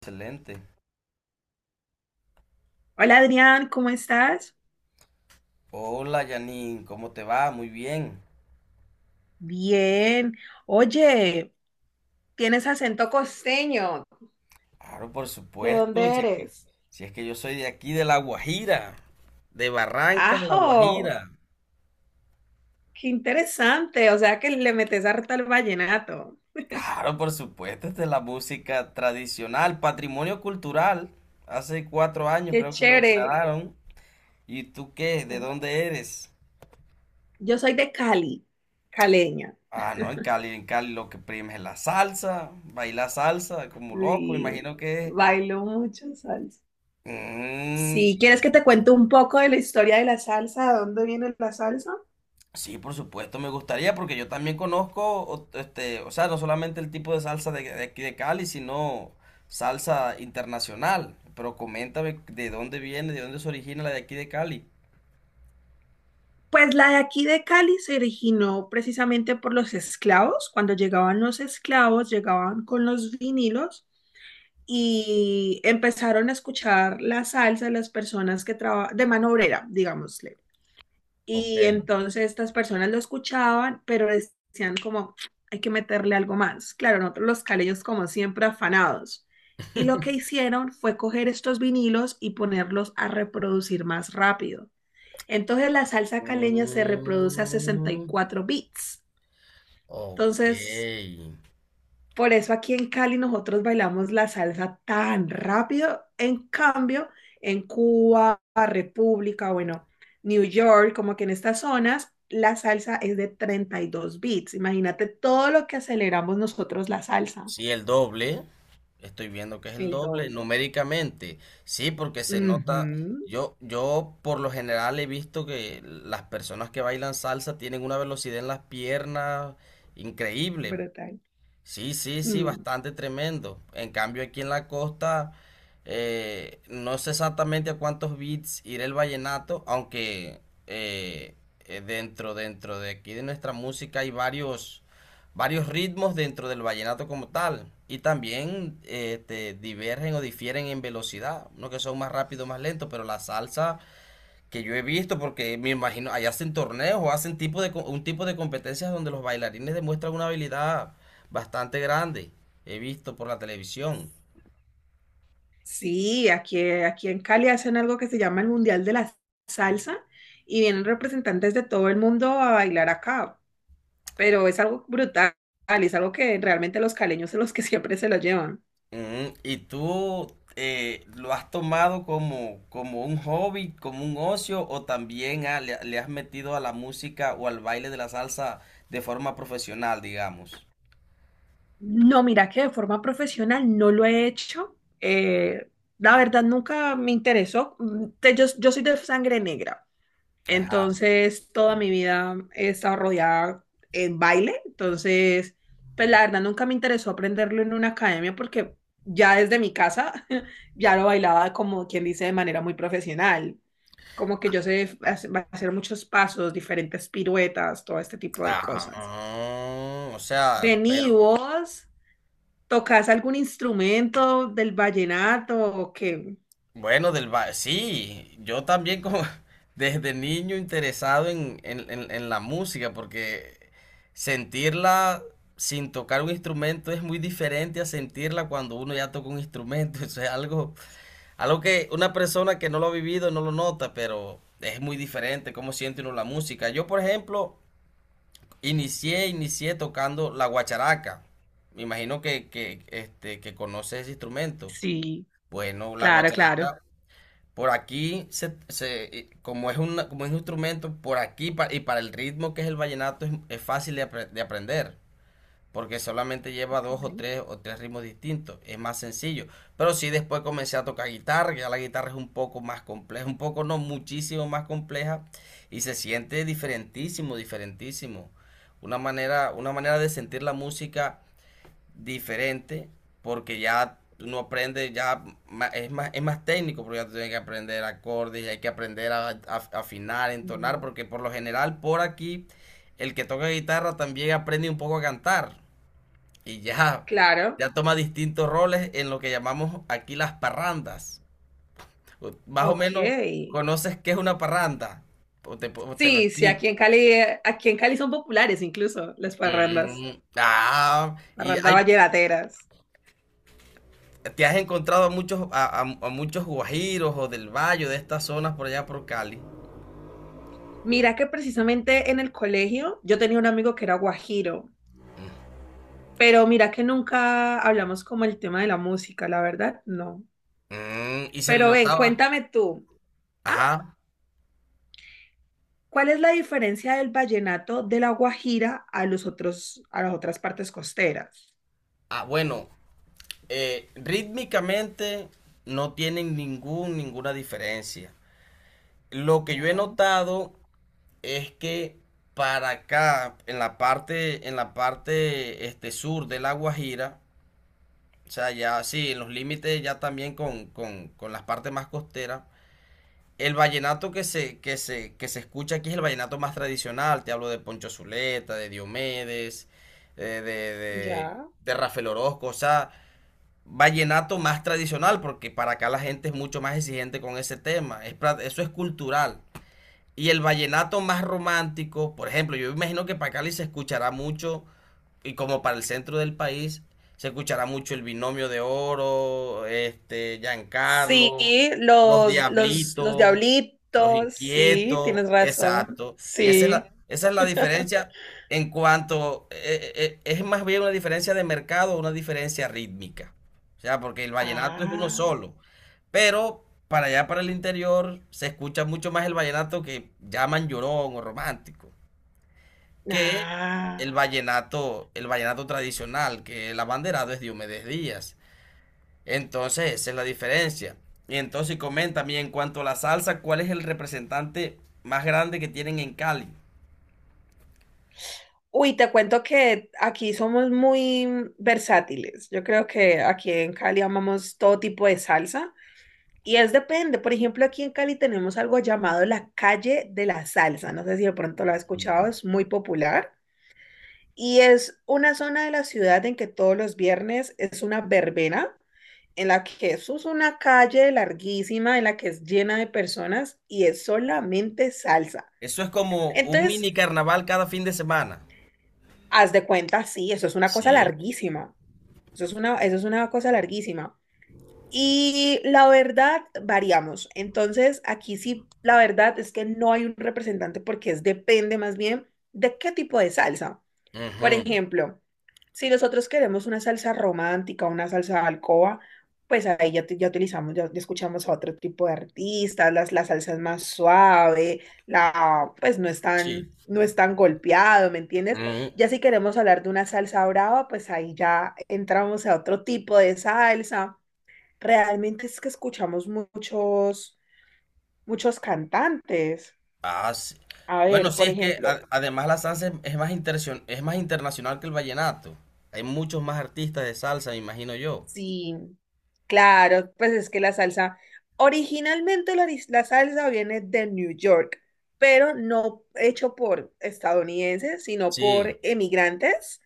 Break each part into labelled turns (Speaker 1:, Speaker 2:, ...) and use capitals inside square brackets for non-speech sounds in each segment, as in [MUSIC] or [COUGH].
Speaker 1: Excelente.
Speaker 2: Hola Adrián, ¿cómo estás?
Speaker 1: Hola, Janine, ¿cómo te va? Muy bien.
Speaker 2: Bien. Oye, tienes acento costeño.
Speaker 1: Claro, por
Speaker 2: ¿De
Speaker 1: supuesto,
Speaker 2: dónde
Speaker 1: si es que,
Speaker 2: eres?
Speaker 1: si es que yo soy de aquí, de La Guajira, de Barrancas, La
Speaker 2: Ajo,
Speaker 1: Guajira.
Speaker 2: qué interesante. O sea que le metes harta al vallenato.
Speaker 1: Claro, por supuesto, esta es la música tradicional, patrimonio cultural. Hace 4 años
Speaker 2: Qué
Speaker 1: creo que lo
Speaker 2: chévere.
Speaker 1: declararon. ¿Y tú qué? ¿De dónde eres?
Speaker 2: Yo soy de Cali, caleña,
Speaker 1: Ah, no, en Cali lo que prima es la salsa, bailar salsa como loco,
Speaker 2: y
Speaker 1: imagino que es.
Speaker 2: bailo mucho salsa. Si
Speaker 1: Mm.
Speaker 2: quieres que te cuente un poco de la historia de la salsa, ¿de dónde viene la salsa?
Speaker 1: Sí, por supuesto, me gustaría porque yo también conozco, este, o sea, no solamente el tipo de salsa de aquí de Cali, sino salsa internacional. Pero coméntame de dónde viene, de dónde se origina la de aquí de Cali.
Speaker 2: Pues la de aquí de Cali se originó precisamente por los esclavos. Cuando llegaban los esclavos, llegaban con los vinilos y empezaron a escuchar la salsa de las personas que trabajan de mano obrera, digámosle.
Speaker 1: Ok.
Speaker 2: Y entonces estas personas lo escuchaban, pero decían como, hay que meterle algo más. Claro, nosotros los caleños como siempre afanados. Y lo que hicieron fue coger estos vinilos y ponerlos a reproducir más rápido. Entonces la salsa caleña se reproduce a sesenta y
Speaker 1: Mm,
Speaker 2: cuatro beats.
Speaker 1: ok.
Speaker 2: Entonces, por eso aquí en Cali nosotros bailamos la salsa tan rápido. En cambio, en Cuba, República, bueno, New York, como que en estas zonas, la salsa es de 32 beats. Imagínate todo lo que aceleramos nosotros la salsa.
Speaker 1: Sí, el doble. Estoy viendo que es el
Speaker 2: El
Speaker 1: doble
Speaker 2: doble.
Speaker 1: numéricamente. Sí, porque se nota.
Speaker 2: Ujú,
Speaker 1: Yo por lo general he visto que las personas que bailan salsa tienen una velocidad en las piernas increíble.
Speaker 2: brutal.
Speaker 1: Sí, sí, sí,
Speaker 2: Mm.
Speaker 1: bastante tremendo. En cambio, aquí en la costa, no sé exactamente a cuántos bits irá el vallenato, aunque eh, dentro de aquí de nuestra música hay varios ritmos dentro del vallenato como tal. Y también este, divergen o difieren en velocidad, unos que son más rápidos, más lentos, pero la salsa que yo he visto, porque me imagino, allá hacen torneos o hacen tipo de, un tipo de competencias donde los bailarines demuestran una habilidad bastante grande. He visto por la televisión.
Speaker 2: Sí, aquí en Cali hacen algo que se llama el Mundial de la Salsa y vienen representantes de todo el mundo a bailar acá, pero es algo brutal, es algo que realmente los caleños son los que [LAUGHS] siempre se lo llevan.
Speaker 1: Ujú. ¿Y tú lo has tomado como, como un hobby, como un ocio, o también ah, le has metido a la música o al baile de la salsa de forma profesional, digamos?
Speaker 2: No, mira que de forma profesional no lo he hecho. La verdad nunca me interesó. Mm, yo soy de sangre negra.
Speaker 1: Ajá.
Speaker 2: Entonces, toda mi vida he estado rodeada en baile. Entonces, pues la verdad nunca me interesó aprenderlo en una academia porque ya desde mi casa [LAUGHS] ya lo bailaba como quien dice de manera muy profesional. Como que yo sé hacer muchos pasos, diferentes piruetas, todo este tipo de cosas.
Speaker 1: Ah, o sea,
Speaker 2: Vení
Speaker 1: pero
Speaker 2: vos, ¿tocás algún instrumento del vallenato o qué?
Speaker 1: bueno, sí, yo también como [LAUGHS] desde niño interesado en, en la música, porque sentirla sin tocar un instrumento es muy diferente a sentirla cuando uno ya toca un instrumento. [LAUGHS] Eso es algo, algo que una persona que no lo ha vivido no lo nota, pero es muy diferente cómo siente uno la música. Yo, por ejemplo, inicié tocando la guacharaca. Me imagino que, este, que conoces ese instrumento.
Speaker 2: Sí,
Speaker 1: Bueno, la
Speaker 2: claro, claro.
Speaker 1: guacharaca. Por aquí, se, como es una, como es un instrumento, por aquí y para el ritmo que es el vallenato es fácil de, de aprender, porque solamente lleva
Speaker 2: Ok.
Speaker 1: 2 o 3 o 3 ritmos distintos, es más sencillo. Pero sí después comencé a tocar guitarra, ya la guitarra es un poco más compleja, un poco no, muchísimo más compleja y se siente diferentísimo, diferentísimo. Una manera de sentir la música diferente porque ya uno aprende, es más técnico porque ya tú tienes que aprender acordes y hay que aprender a afinar, entonar,
Speaker 2: Mm,
Speaker 1: porque por lo general por aquí el que toca guitarra también aprende un poco a cantar y ya,
Speaker 2: claro,
Speaker 1: ya toma distintos roles en lo que llamamos aquí las parrandas. Más o menos
Speaker 2: ok.
Speaker 1: conoces qué es una parranda o o te lo
Speaker 2: Sí, sí,
Speaker 1: explico.
Speaker 2: aquí en Cali son populares incluso las parrandas,
Speaker 1: Mm, ah, y
Speaker 2: parrandas
Speaker 1: hay,
Speaker 2: vallenateras.
Speaker 1: ¿te has encontrado a muchos, a muchos guajiros o del valle, de estas zonas por allá por Cali?
Speaker 2: Mira que precisamente en el colegio yo tenía un amigo que era guajiro, pero mira que nunca hablamos como el tema de la música, la verdad, no.
Speaker 1: Mm, y se le
Speaker 2: Pero ven,
Speaker 1: notaba,
Speaker 2: cuéntame tú, ah,
Speaker 1: ajá,
Speaker 2: ¿cuál es la diferencia del vallenato de la Guajira a los otros, a las otras partes costeras?
Speaker 1: ah, bueno, rítmicamente no tienen ninguna diferencia. Lo que yo he
Speaker 2: Oh,
Speaker 1: notado es que para acá, en la parte este, sur de La Guajira, o sea, ya sí, en los límites ya también con, con las partes más costeras, el vallenato que se, que se escucha aquí es el vallenato más tradicional. Te hablo de Poncho Zuleta, de Diomedes, de,
Speaker 2: ya.
Speaker 1: de Rafael Orozco. O sea, vallenato más tradicional, porque para acá la gente es mucho más exigente con ese tema. Es eso es cultural. Y el vallenato más romántico, por ejemplo, yo imagino que para Cali se escuchará mucho, y como para el centro del país, se escuchará mucho el Binomio de Oro, este,
Speaker 2: Sí,
Speaker 1: Giancarlo, los
Speaker 2: los
Speaker 1: Diablitos, los
Speaker 2: diablitos, sí,
Speaker 1: Inquietos,
Speaker 2: tienes razón,
Speaker 1: exacto. Y
Speaker 2: sí.
Speaker 1: esa es la diferencia en cuanto, es más bien una diferencia de mercado, una diferencia rítmica. O sea, porque el vallenato es uno
Speaker 2: Ah,
Speaker 1: solo. Pero para allá, para el interior, se escucha mucho más el vallenato que llaman llorón o romántico, que
Speaker 2: ah.
Speaker 1: el vallenato tradicional, que el abanderado es Diomedes Díaz. Entonces, esa es la diferencia. Y entonces, coméntame, y en cuanto a la salsa, ¿cuál es el representante más grande que tienen en Cali?
Speaker 2: Uy, te cuento que aquí somos muy versátiles. Yo creo que aquí en Cali amamos todo tipo de salsa y es depende. Por ejemplo, aquí en Cali tenemos algo llamado la calle de la salsa. No sé si de pronto lo has escuchado,
Speaker 1: Mm.
Speaker 2: es muy popular. Y es una zona de la ciudad en que todos los viernes es una verbena en la que eso es una calle larguísima, en la que es llena de personas y es solamente salsa.
Speaker 1: Eso es como un
Speaker 2: Entonces,
Speaker 1: mini carnaval cada fin de semana.
Speaker 2: haz de cuenta, sí, eso es una cosa
Speaker 1: Sí.
Speaker 2: larguísima. Eso es una cosa larguísima. Y la verdad, variamos. Entonces, aquí sí, la verdad es que no hay un representante porque es, depende más bien de qué tipo de salsa. Por
Speaker 1: Ujú,
Speaker 2: ejemplo, si nosotros queremos una salsa romántica, una salsa de alcoba, pues ahí ya, ya utilizamos, ya escuchamos a otro tipo de artistas, la salsa es más suave, la, pues no es tan golpeado, ¿me
Speaker 1: sí.
Speaker 2: entiendes? Ya si queremos hablar de una salsa brava, pues ahí ya entramos a otro tipo de salsa. Realmente es que escuchamos muchos, muchos cantantes.
Speaker 1: Ah, sí.
Speaker 2: A
Speaker 1: Bueno,
Speaker 2: ver,
Speaker 1: sí,
Speaker 2: por
Speaker 1: es que
Speaker 2: ejemplo,
Speaker 1: además la salsa es más es más internacional que el vallenato. Hay muchos más artistas de salsa, me imagino yo.
Speaker 2: si... Claro, pues es que la salsa, originalmente la salsa viene de New York, pero no hecho por estadounidenses, sino
Speaker 1: Sí,
Speaker 2: por emigrantes,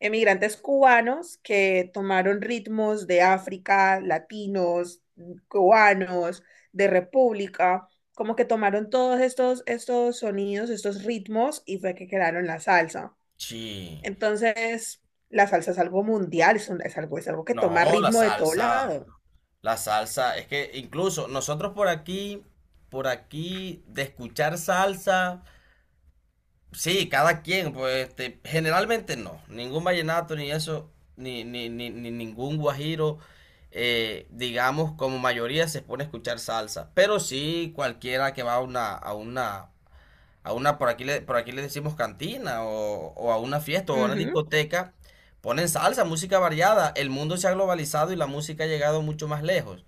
Speaker 2: emigrantes cubanos que tomaron ritmos de África, latinos, cubanos, de República, como que tomaron todos estos, estos sonidos, estos ritmos y fue que crearon la salsa.
Speaker 1: sí.
Speaker 2: Entonces, la salsa es algo mundial, es algo que
Speaker 1: No,
Speaker 2: toma ritmo de todo lado.
Speaker 1: la salsa, es que incluso nosotros por aquí, de escuchar salsa. Sí, cada quien, pues este, generalmente no. Ningún vallenato, ni eso, ni ningún guajiro, digamos, como mayoría se pone a escuchar salsa. Pero sí, cualquiera que va a una, a una, por aquí le decimos cantina, o a una fiesta, o a una
Speaker 2: Ujú,
Speaker 1: discoteca, ponen salsa, música variada. El mundo se ha globalizado y la música ha llegado mucho más lejos.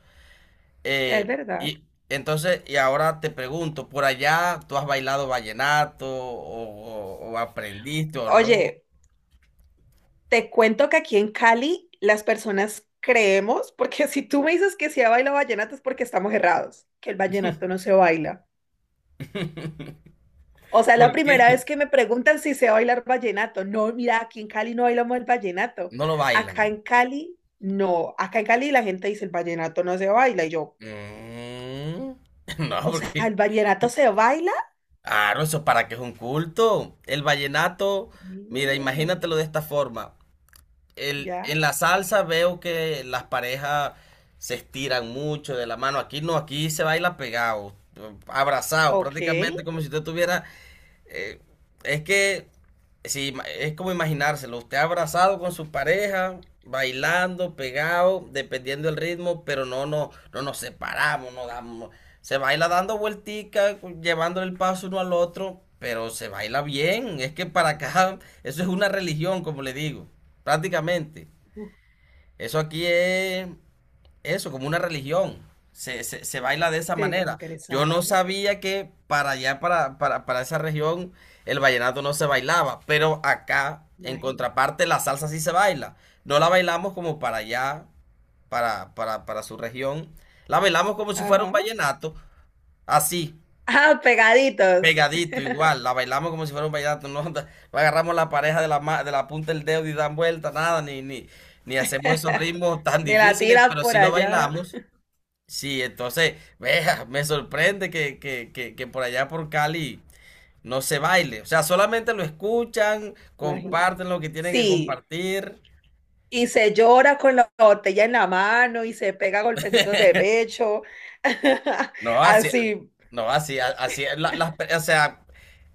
Speaker 2: es verdad.
Speaker 1: Y entonces, y ahora te pregunto, ¿por allá tú has bailado vallenato o, o aprendiste o no?
Speaker 2: Oye, te cuento que aquí en Cali las personas creemos, porque [LAUGHS] si tú me dices que se baila vallenato es porque estamos errados, que el vallenato no se baila.
Speaker 1: [LAUGHS]
Speaker 2: O sea, es la
Speaker 1: ¿Por
Speaker 2: primera
Speaker 1: qué?
Speaker 2: vez que me preguntan si sé bailar vallenato. No, mira, aquí en Cali no bailamos el vallenato.
Speaker 1: No lo
Speaker 2: Acá
Speaker 1: bailan.
Speaker 2: en Cali, no. Acá en Cali la gente dice el vallenato no se baila. Y yo,
Speaker 1: Mm, [LAUGHS] no,
Speaker 2: o sea,
Speaker 1: porque,
Speaker 2: el vallenato se baila.
Speaker 1: claro, eso para que es un culto. El vallenato, mira,
Speaker 2: Ey,
Speaker 1: imagínatelo de esta forma. El,
Speaker 2: ya,
Speaker 1: en la salsa veo que las parejas se estiran mucho de la mano. Aquí no, aquí se baila pegado, abrazado,
Speaker 2: ok.
Speaker 1: prácticamente como si usted tuviera eh, es que si es como imaginárselo. Usted abrazado con su pareja, bailando, pegado, dependiendo del ritmo, pero no, no, no nos separamos, no damos. Se baila dando vuelticas, llevándole el paso uno al otro, pero se baila bien. Es que para acá, [LAUGHS] eso es una religión, como le digo, prácticamente.
Speaker 2: Uf,
Speaker 1: Eso aquí es eso, como una religión. Se, se baila de esa
Speaker 2: qué
Speaker 1: manera. Yo no
Speaker 2: interesante.
Speaker 1: sabía que para allá, para esa región, el vallenato no se bailaba, pero acá, en
Speaker 2: Imagina.
Speaker 1: contraparte, la salsa sí se baila. No la bailamos como para allá, para su región. La bailamos como si fuera un
Speaker 2: Ajá.
Speaker 1: vallenato, así,
Speaker 2: Ah, pegaditos.
Speaker 1: pegadito, igual. La bailamos como si fuera un vallenato. No, [LAUGHS] no agarramos la pareja de la, de la punta del dedo y dan vuelta, nada, ni hacemos esos
Speaker 2: [LAUGHS]
Speaker 1: ritmos tan
Speaker 2: De la
Speaker 1: difíciles,
Speaker 2: tira
Speaker 1: pero
Speaker 2: por
Speaker 1: sí lo
Speaker 2: allá.
Speaker 1: bailamos. Sí, entonces, vea, me sorprende que, que por allá por Cali no se baile. O sea, solamente lo escuchan,
Speaker 2: Imagino.
Speaker 1: comparten lo que tienen que
Speaker 2: Sí,
Speaker 1: compartir.
Speaker 2: y se llora con la botella en la mano y se pega golpecitos de pecho. [LAUGHS]
Speaker 1: No, así,
Speaker 2: Así.
Speaker 1: no, así, así, o sea,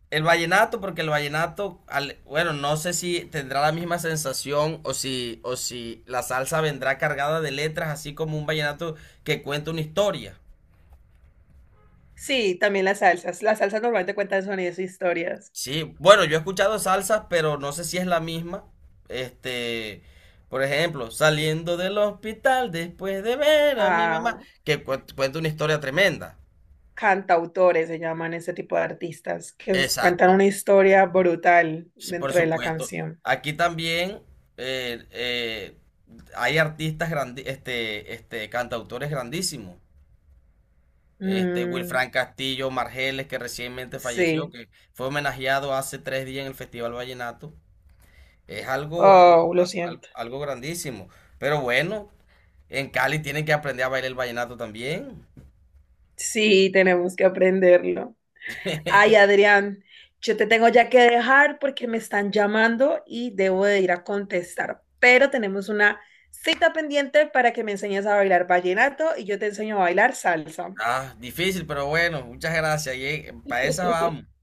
Speaker 1: el vallenato, porque el vallenato, bueno, no sé si tendrá la misma sensación o si la salsa vendrá cargada de letras, así como un vallenato que cuenta una historia.
Speaker 2: Sí, también las salsas. Las salsas normalmente cuentan sonidos e historias.
Speaker 1: Sí, bueno, yo he escuchado salsas, pero no sé si es la misma. Este, por ejemplo, saliendo del hospital después de ver a mi mamá,
Speaker 2: Ah,
Speaker 1: que cuenta una historia tremenda.
Speaker 2: cantautores se llaman ese tipo de artistas que cuentan
Speaker 1: Exacto,
Speaker 2: una historia brutal
Speaker 1: sí, por
Speaker 2: dentro de la
Speaker 1: supuesto.
Speaker 2: canción.
Speaker 1: Aquí también eh, eh, hay artistas este, este, cantautores grandísimos. Este,
Speaker 2: Mm,
Speaker 1: Wilfran Castillo Margeles, que recientemente falleció,
Speaker 2: sí.
Speaker 1: que fue homenajeado hace 3 días en el Festival Vallenato. Es algo, algo,
Speaker 2: Oh, lo siento.
Speaker 1: algo grandísimo. Pero bueno, en Cali tienen que aprender a bailar el vallenato también.
Speaker 2: Sí, tenemos que aprenderlo.
Speaker 1: [LAUGHS]
Speaker 2: Ay, Adrián, yo te tengo ya que dejar porque me están llamando y debo de ir a contestar, pero tenemos una cita pendiente para que me enseñes a bailar vallenato y yo te enseño a bailar salsa.
Speaker 1: Ah, difícil, pero bueno, muchas gracias. Y para esa vamos.
Speaker 2: [LAUGHS]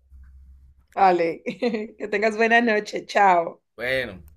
Speaker 2: Vale, [LAUGHS] que tengas buena noche. Chao.
Speaker 1: Bueno.